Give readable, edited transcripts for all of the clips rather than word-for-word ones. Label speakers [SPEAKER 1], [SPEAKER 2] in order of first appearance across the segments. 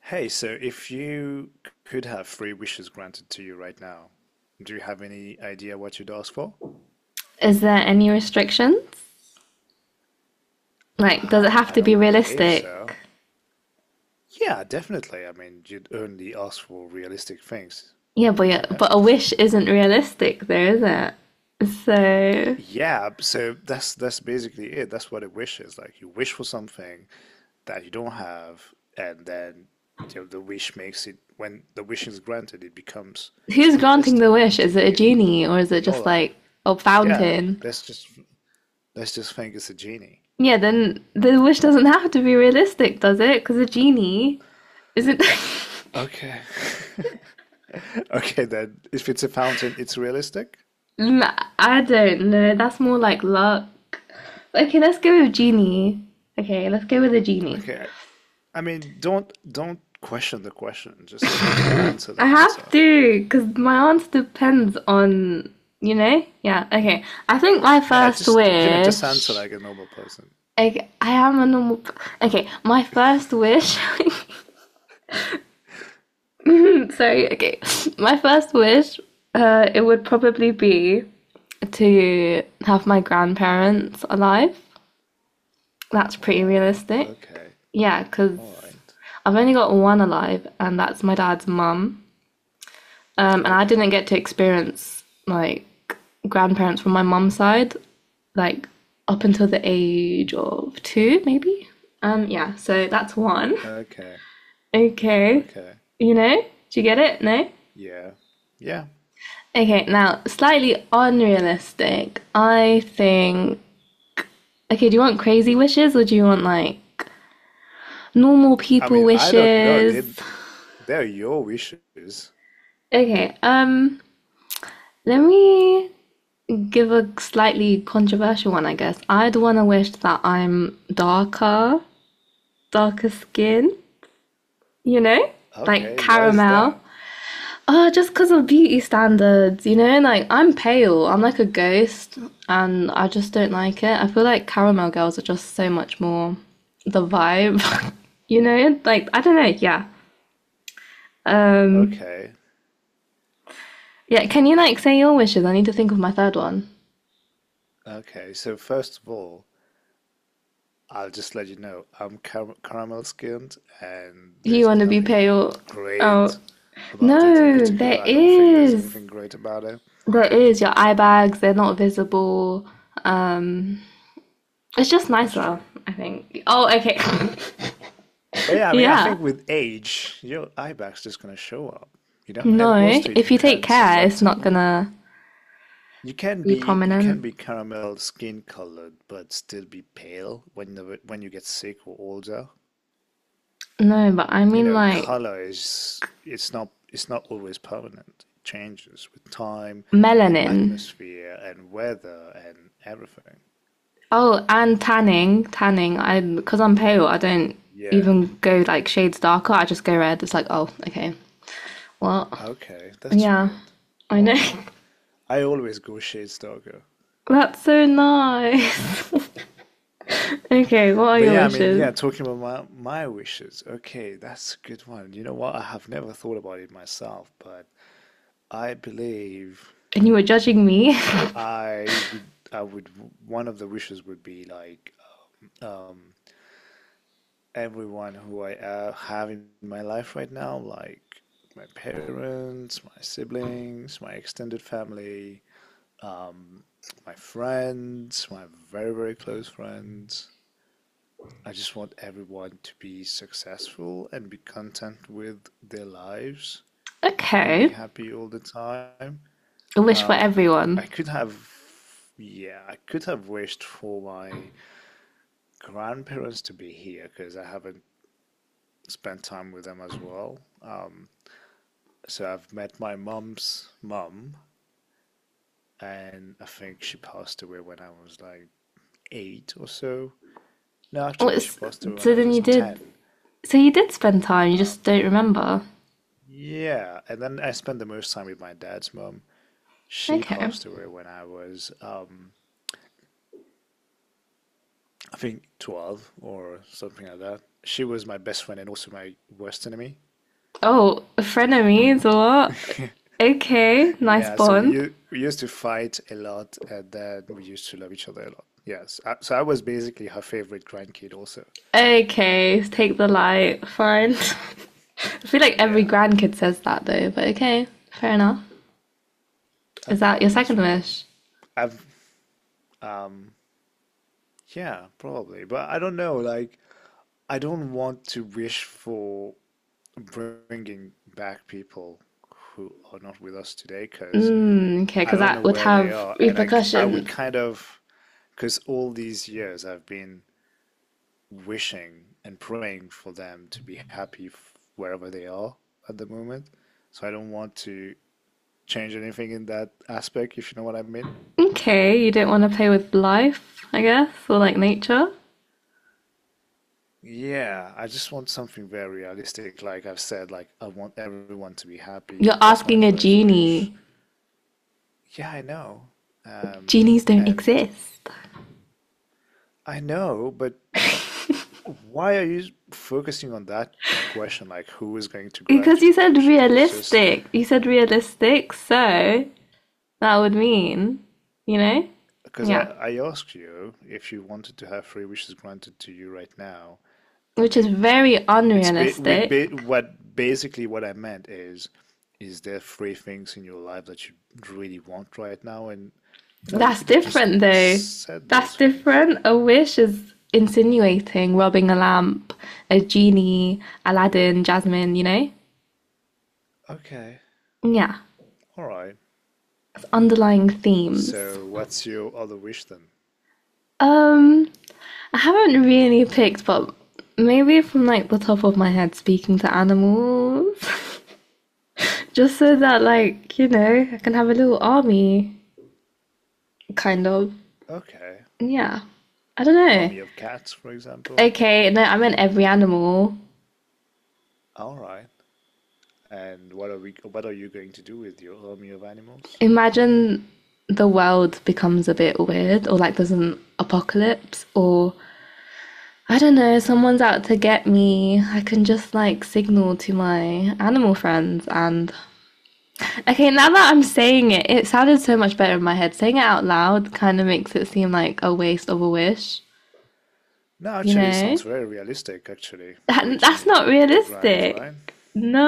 [SPEAKER 1] Hey, so if you could have three wishes granted to you right now, do you have any idea what you'd ask for?
[SPEAKER 2] Is there any restrictions? Like, does it have
[SPEAKER 1] I
[SPEAKER 2] to be
[SPEAKER 1] don't believe
[SPEAKER 2] realistic?
[SPEAKER 1] so. Yeah, definitely. I mean, you'd only ask for realistic things,
[SPEAKER 2] Yeah, but yeah,
[SPEAKER 1] isn't it?
[SPEAKER 2] but a wish isn't realistic, though, is it? So,
[SPEAKER 1] Yeah, so that's basically it. That's what a wish is. Like you wish for something that you don't have, and then the wish makes it, when the wish is granted, it becomes
[SPEAKER 2] who's granting the
[SPEAKER 1] realistic
[SPEAKER 2] wish? Is
[SPEAKER 1] to
[SPEAKER 2] it a
[SPEAKER 1] you
[SPEAKER 2] genie or is
[SPEAKER 1] in
[SPEAKER 2] it
[SPEAKER 1] your
[SPEAKER 2] just
[SPEAKER 1] life.
[SPEAKER 2] like a
[SPEAKER 1] Yeah,
[SPEAKER 2] fountain?
[SPEAKER 1] that's just. Let's just think it's a genie.
[SPEAKER 2] Yeah, then the wish doesn't have to be realistic, does it? Because a genie isn't.
[SPEAKER 1] Okay. Okay, then if it's a fountain, it's realistic.
[SPEAKER 2] I don't know. That's more like luck. Okay, let's go with genie. Okay, let's go with a genie.
[SPEAKER 1] Okay. I mean, don't question the question. Just answer
[SPEAKER 2] I
[SPEAKER 1] the
[SPEAKER 2] have
[SPEAKER 1] answer.
[SPEAKER 2] to, because my answer depends on, you know? Yeah, okay. I think my
[SPEAKER 1] Yeah,
[SPEAKER 2] first
[SPEAKER 1] just just answer
[SPEAKER 2] wish.
[SPEAKER 1] like a normal person.
[SPEAKER 2] Okay, I am a normal. P- Okay, my first wish. Sorry, okay. My first wish, it would probably be to have my grandparents alive. That's pretty
[SPEAKER 1] Wow.
[SPEAKER 2] realistic.
[SPEAKER 1] Okay.
[SPEAKER 2] Yeah, because
[SPEAKER 1] All right.
[SPEAKER 2] I've only got one alive, and that's my dad's mum. And I didn't
[SPEAKER 1] Okay.
[SPEAKER 2] get to experience like grandparents from my mum's side, like up until the age of two, maybe. Yeah, so that's one.
[SPEAKER 1] Okay.
[SPEAKER 2] Okay,
[SPEAKER 1] Okay.
[SPEAKER 2] you know, do you get it? No.
[SPEAKER 1] Yeah. Yeah.
[SPEAKER 2] Okay, now slightly unrealistic. I think. Okay, do you want crazy wishes or do you want like normal
[SPEAKER 1] I
[SPEAKER 2] people
[SPEAKER 1] mean, I don't know.
[SPEAKER 2] wishes?
[SPEAKER 1] They they're your wishes.
[SPEAKER 2] Okay, let me give a slightly controversial one, I guess. I'd want to wish that I'm darker, darker skin, you know, like
[SPEAKER 1] Okay. Why is
[SPEAKER 2] caramel.
[SPEAKER 1] that?
[SPEAKER 2] Oh, just because of beauty standards, you know, like I'm pale, I'm like a ghost, and I just don't like it. I feel like caramel girls are just so much more the vibe, you know, like I don't know, yeah. Um,
[SPEAKER 1] Okay.
[SPEAKER 2] yeah, can you like say your wishes? I need to think of my third one.
[SPEAKER 1] Okay. So first of all, I'll just let you know, I'm caramel skinned, and
[SPEAKER 2] You
[SPEAKER 1] there's
[SPEAKER 2] want to be
[SPEAKER 1] nothing
[SPEAKER 2] pale? Oh,
[SPEAKER 1] great about it in
[SPEAKER 2] no,
[SPEAKER 1] particular.
[SPEAKER 2] there
[SPEAKER 1] I don't think there's
[SPEAKER 2] is.
[SPEAKER 1] anything great about it.
[SPEAKER 2] There is.
[SPEAKER 1] There's
[SPEAKER 2] Your eye
[SPEAKER 1] none.
[SPEAKER 2] bags, they're not visible. Um, it's just
[SPEAKER 1] That's
[SPEAKER 2] nicer,
[SPEAKER 1] true.
[SPEAKER 2] I think. Oh, okay.
[SPEAKER 1] But yeah, I mean, I
[SPEAKER 2] Yeah.
[SPEAKER 1] think with age, your eye bag's just gonna show up, you know? And
[SPEAKER 2] No,
[SPEAKER 1] also it
[SPEAKER 2] if you take
[SPEAKER 1] depends on
[SPEAKER 2] care,
[SPEAKER 1] what
[SPEAKER 2] it's not
[SPEAKER 1] time.
[SPEAKER 2] gonna be
[SPEAKER 1] You can
[SPEAKER 2] prominent.
[SPEAKER 1] be caramel skin colored, but still be pale when the, when you get sick or older.
[SPEAKER 2] No, but I
[SPEAKER 1] you
[SPEAKER 2] mean
[SPEAKER 1] know,
[SPEAKER 2] like
[SPEAKER 1] color is it's not always permanent. It changes with time and
[SPEAKER 2] melanin.
[SPEAKER 1] atmosphere and weather and everything.
[SPEAKER 2] Oh, and tanning, tanning. I because I'm pale, I don't
[SPEAKER 1] Yeah.
[SPEAKER 2] even go like shades darker. I just go red. It's like, oh, okay. Well,
[SPEAKER 1] Okay, that's
[SPEAKER 2] yeah,
[SPEAKER 1] weird.
[SPEAKER 2] I
[SPEAKER 1] All
[SPEAKER 2] know.
[SPEAKER 1] right. I always go shades darker.
[SPEAKER 2] That's so nice. Okay, what are
[SPEAKER 1] But
[SPEAKER 2] your
[SPEAKER 1] yeah, I mean,
[SPEAKER 2] wishes?
[SPEAKER 1] yeah, talking about my wishes. Okay, that's a good one. You know what? I have never thought about it myself, but I believe
[SPEAKER 2] And you were judging me.
[SPEAKER 1] I would one of the wishes would be like um everyone who I have in my life right now, like my parents, my siblings, my extended family, um, my friends, my very, very close friends. I just want everyone to be successful and be content with their lives and be
[SPEAKER 2] Okay,
[SPEAKER 1] happy all the time.
[SPEAKER 2] a wish for
[SPEAKER 1] Um,
[SPEAKER 2] everyone.
[SPEAKER 1] I could have, yeah, I could have wished for my grandparents to be here because I haven't spent time with them as well. So I've met my mom's mom, and I think she passed away when I was like 8 or so. No, actually, she
[SPEAKER 2] What's,
[SPEAKER 1] passed away when
[SPEAKER 2] so
[SPEAKER 1] I
[SPEAKER 2] then
[SPEAKER 1] was
[SPEAKER 2] you did.
[SPEAKER 1] 10.
[SPEAKER 2] So you did spend time. You
[SPEAKER 1] Um,
[SPEAKER 2] just don't remember.
[SPEAKER 1] yeah, and then I spent the most time with my dad's mom. She
[SPEAKER 2] Okay.
[SPEAKER 1] passed away when I was, I think, 12 or something like that. She was my best friend and also my worst enemy.
[SPEAKER 2] Oh, frenemies. What? Okay, nice
[SPEAKER 1] Yeah, so we
[SPEAKER 2] bond.
[SPEAKER 1] we used to fight a lot, and then we used to love each other a lot. Yes, I, so I was basically her favorite grandkid also.
[SPEAKER 2] Okay, take the light. Fine. I feel like every
[SPEAKER 1] Yeah.
[SPEAKER 2] grandkid says that though, but okay, fair enough. Is that
[SPEAKER 1] Okay,
[SPEAKER 2] your second
[SPEAKER 1] that's weird.
[SPEAKER 2] wish?
[SPEAKER 1] I've um yeah, probably, but I don't know. Like, I don't want to wish for bringing back people who are not with us today because
[SPEAKER 2] Mm, okay,
[SPEAKER 1] I
[SPEAKER 2] because
[SPEAKER 1] don't
[SPEAKER 2] that
[SPEAKER 1] know
[SPEAKER 2] would
[SPEAKER 1] where they
[SPEAKER 2] have
[SPEAKER 1] are, and I would
[SPEAKER 2] repercussions.
[SPEAKER 1] kind of because all these years I've been wishing and praying for them to be happy wherever they are at the moment. So I don't want to change anything in that aspect, if you know what I mean.
[SPEAKER 2] Okay, you don't want to play with life, I guess, or like nature.
[SPEAKER 1] Yeah, I just want something very realistic. Like I've said, like I want everyone to be
[SPEAKER 2] You're
[SPEAKER 1] happy. That's my
[SPEAKER 2] asking a
[SPEAKER 1] first wish.
[SPEAKER 2] genie.
[SPEAKER 1] Yeah, I know. Um,
[SPEAKER 2] Genies don't
[SPEAKER 1] and
[SPEAKER 2] exist.
[SPEAKER 1] I know, but why are you focusing on that question? Like, who is going to
[SPEAKER 2] Because
[SPEAKER 1] grant you
[SPEAKER 2] you
[SPEAKER 1] your
[SPEAKER 2] said
[SPEAKER 1] wishes? It's just.
[SPEAKER 2] realistic. You said realistic, so that would mean, you know?
[SPEAKER 1] Because I,
[SPEAKER 2] Yeah.
[SPEAKER 1] I asked you if you wanted to have three wishes granted to you right now. I
[SPEAKER 2] Which is
[SPEAKER 1] mean,
[SPEAKER 2] very
[SPEAKER 1] it's ba- with
[SPEAKER 2] unrealistic.
[SPEAKER 1] ba- what basically what I meant is there three things in your life that you really want right now? And you
[SPEAKER 2] That's
[SPEAKER 1] could have just
[SPEAKER 2] different though.
[SPEAKER 1] said
[SPEAKER 2] That's
[SPEAKER 1] those things.
[SPEAKER 2] different. A wish is insinuating, rubbing a lamp, a genie, Aladdin, Jasmine, you know?
[SPEAKER 1] Okay,
[SPEAKER 2] Yeah.
[SPEAKER 1] all right.
[SPEAKER 2] It's underlying themes.
[SPEAKER 1] So what's your other wish then?
[SPEAKER 2] Um I haven't really picked, but maybe from like the top of my head, speaking to animals, just so that like you know I can have a little army, kind of.
[SPEAKER 1] Okay,
[SPEAKER 2] Yeah, I don't know.
[SPEAKER 1] army of cats, for example.
[SPEAKER 2] Okay, no, I meant every animal.
[SPEAKER 1] All right. And what are we? What are you going to do with your army of animals?
[SPEAKER 2] Imagine the world becomes a bit weird, or like there's an apocalypse, or I don't know, someone's out to get me. I can just like signal to my animal friends and okay, now that I'm saying it, it sounded so much better in my head. Saying it out loud kind of makes it seem like a waste of a wish,
[SPEAKER 1] No,
[SPEAKER 2] you
[SPEAKER 1] actually, it
[SPEAKER 2] know?
[SPEAKER 1] sounds very realistic, actually, for a
[SPEAKER 2] That, that's
[SPEAKER 1] genie
[SPEAKER 2] not
[SPEAKER 1] to grant,
[SPEAKER 2] realistic.
[SPEAKER 1] right?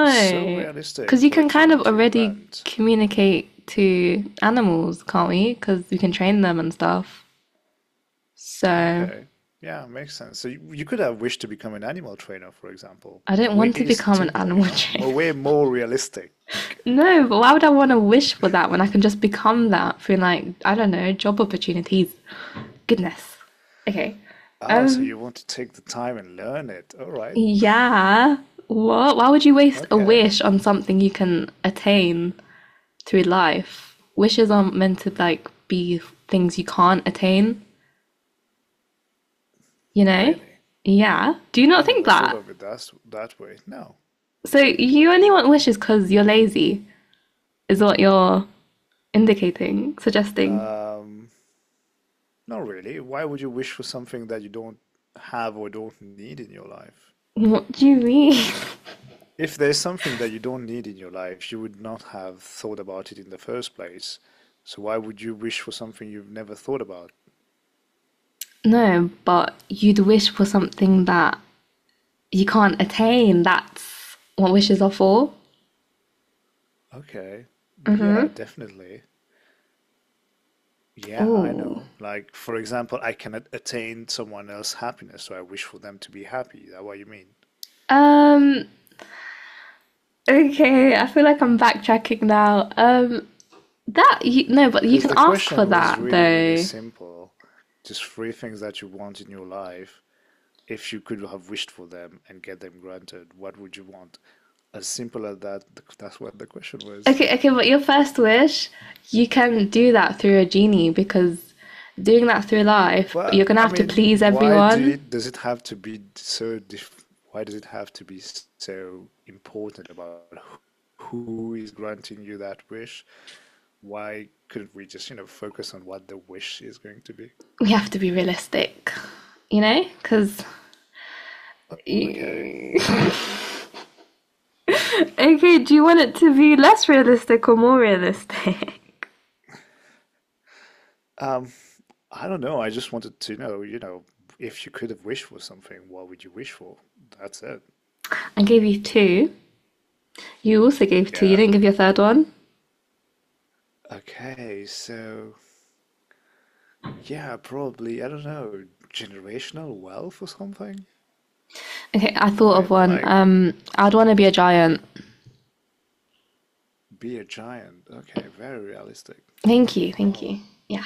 [SPEAKER 1] It's so
[SPEAKER 2] Because
[SPEAKER 1] realistic
[SPEAKER 2] you
[SPEAKER 1] for a
[SPEAKER 2] can kind
[SPEAKER 1] genie
[SPEAKER 2] of
[SPEAKER 1] to
[SPEAKER 2] already
[SPEAKER 1] grant.
[SPEAKER 2] communicate to animals, can't we? Because we can train them and stuff. So
[SPEAKER 1] Okay. Yeah, makes sense. So you could have wished to become an animal trainer, for example.
[SPEAKER 2] I don't want to
[SPEAKER 1] Way
[SPEAKER 2] become an
[SPEAKER 1] simpler, you
[SPEAKER 2] animal
[SPEAKER 1] know?
[SPEAKER 2] trainer.
[SPEAKER 1] Mo- way more realistic.
[SPEAKER 2] No, but why would I want to wish for that when I can just become that through like, I don't know, job opportunities? Goodness. Okay.
[SPEAKER 1] Oh, so
[SPEAKER 2] Um,
[SPEAKER 1] you want to take the time and learn it. All right.
[SPEAKER 2] Yeah. What? Why would you waste a
[SPEAKER 1] Okay.
[SPEAKER 2] wish on something you can attain through life? Wishes aren't meant to like be things you can't attain, you know?
[SPEAKER 1] Really?
[SPEAKER 2] Yeah. Do you
[SPEAKER 1] I
[SPEAKER 2] not think
[SPEAKER 1] never thought
[SPEAKER 2] that?
[SPEAKER 1] of it that way. No.
[SPEAKER 2] So you only want wishes because you're lazy, is what you're indicating, suggesting.
[SPEAKER 1] Um, Not really. Why would you wish for something that you don't have or don't need in your life?
[SPEAKER 2] What do you mean?
[SPEAKER 1] If there's something that you don't need in your life, you would not have thought about it in the first place. So why would you wish for something you've never thought about?
[SPEAKER 2] No, but you'd wish for something that you can't attain. That's what wishes are for.
[SPEAKER 1] Okay. Yeah, definitely. Yeah, I
[SPEAKER 2] Oh.
[SPEAKER 1] know. Like, for example, I cannot attain someone else's happiness, so I wish for them to be happy. Is that what you mean?
[SPEAKER 2] Um, Okay, I feel like I'm backtracking now. That you no, but you
[SPEAKER 1] Because
[SPEAKER 2] can
[SPEAKER 1] the
[SPEAKER 2] ask for
[SPEAKER 1] question was
[SPEAKER 2] that
[SPEAKER 1] really, really
[SPEAKER 2] though.
[SPEAKER 1] simple. Just three things that you want in your life. If you could have wished for them and get them granted, what would you want? As simple as that, that's what the question was.
[SPEAKER 2] Okay, okay, but your first wish, you can do that through a genie because doing that through life, you're
[SPEAKER 1] But
[SPEAKER 2] gonna
[SPEAKER 1] I
[SPEAKER 2] have to
[SPEAKER 1] mean,
[SPEAKER 2] please everyone.
[SPEAKER 1] does it have to be so dif why does it have to be so important about who is granting you that wish? Why couldn't we just, focus on what the wish is going to be?
[SPEAKER 2] We have to be realistic, you know, because.
[SPEAKER 1] O- Okay.
[SPEAKER 2] Okay, do you want it to be less realistic or more realistic?
[SPEAKER 1] Um, I don't know. I just wanted to know, if you could have wished for something, what would you wish for? That's it.
[SPEAKER 2] I gave you two. You also gave two. You
[SPEAKER 1] Yeah.
[SPEAKER 2] didn't give your third one.
[SPEAKER 1] Okay, so yeah, probably, I don't know, generational wealth or something,
[SPEAKER 2] Okay, I thought of
[SPEAKER 1] right?
[SPEAKER 2] one.
[SPEAKER 1] Like.
[SPEAKER 2] I'd want to be a giant.
[SPEAKER 1] Be a giant. Okay, very realistic.
[SPEAKER 2] Thank you, thank
[SPEAKER 1] Wow.
[SPEAKER 2] you. Yeah.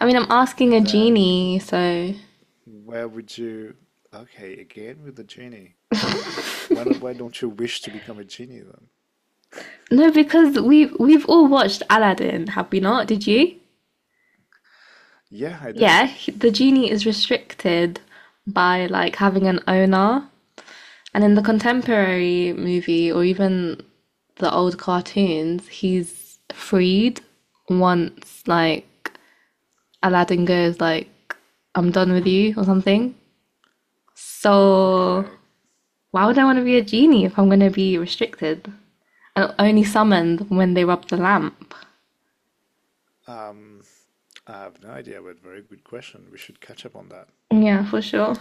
[SPEAKER 2] I mean, I'm asking a
[SPEAKER 1] And then
[SPEAKER 2] genie, so
[SPEAKER 1] where would you? Okay, again with the genie. Why not, why don't you wish to become a genie then?
[SPEAKER 2] no, because we've all watched Aladdin, have we not? Did you?
[SPEAKER 1] Yeah, I did.
[SPEAKER 2] Yeah, the genie is restricted by like having an owner. And in the contemporary movie or even the old cartoons, he's freed once like Aladdin goes like I'm done with you or something. So
[SPEAKER 1] Okay.
[SPEAKER 2] why would I want to be a genie if I'm going to be restricted and only summoned when they rub the lamp?
[SPEAKER 1] Um, I have no idea, but very good question. We should catch up on that.
[SPEAKER 2] Yeah, for sure.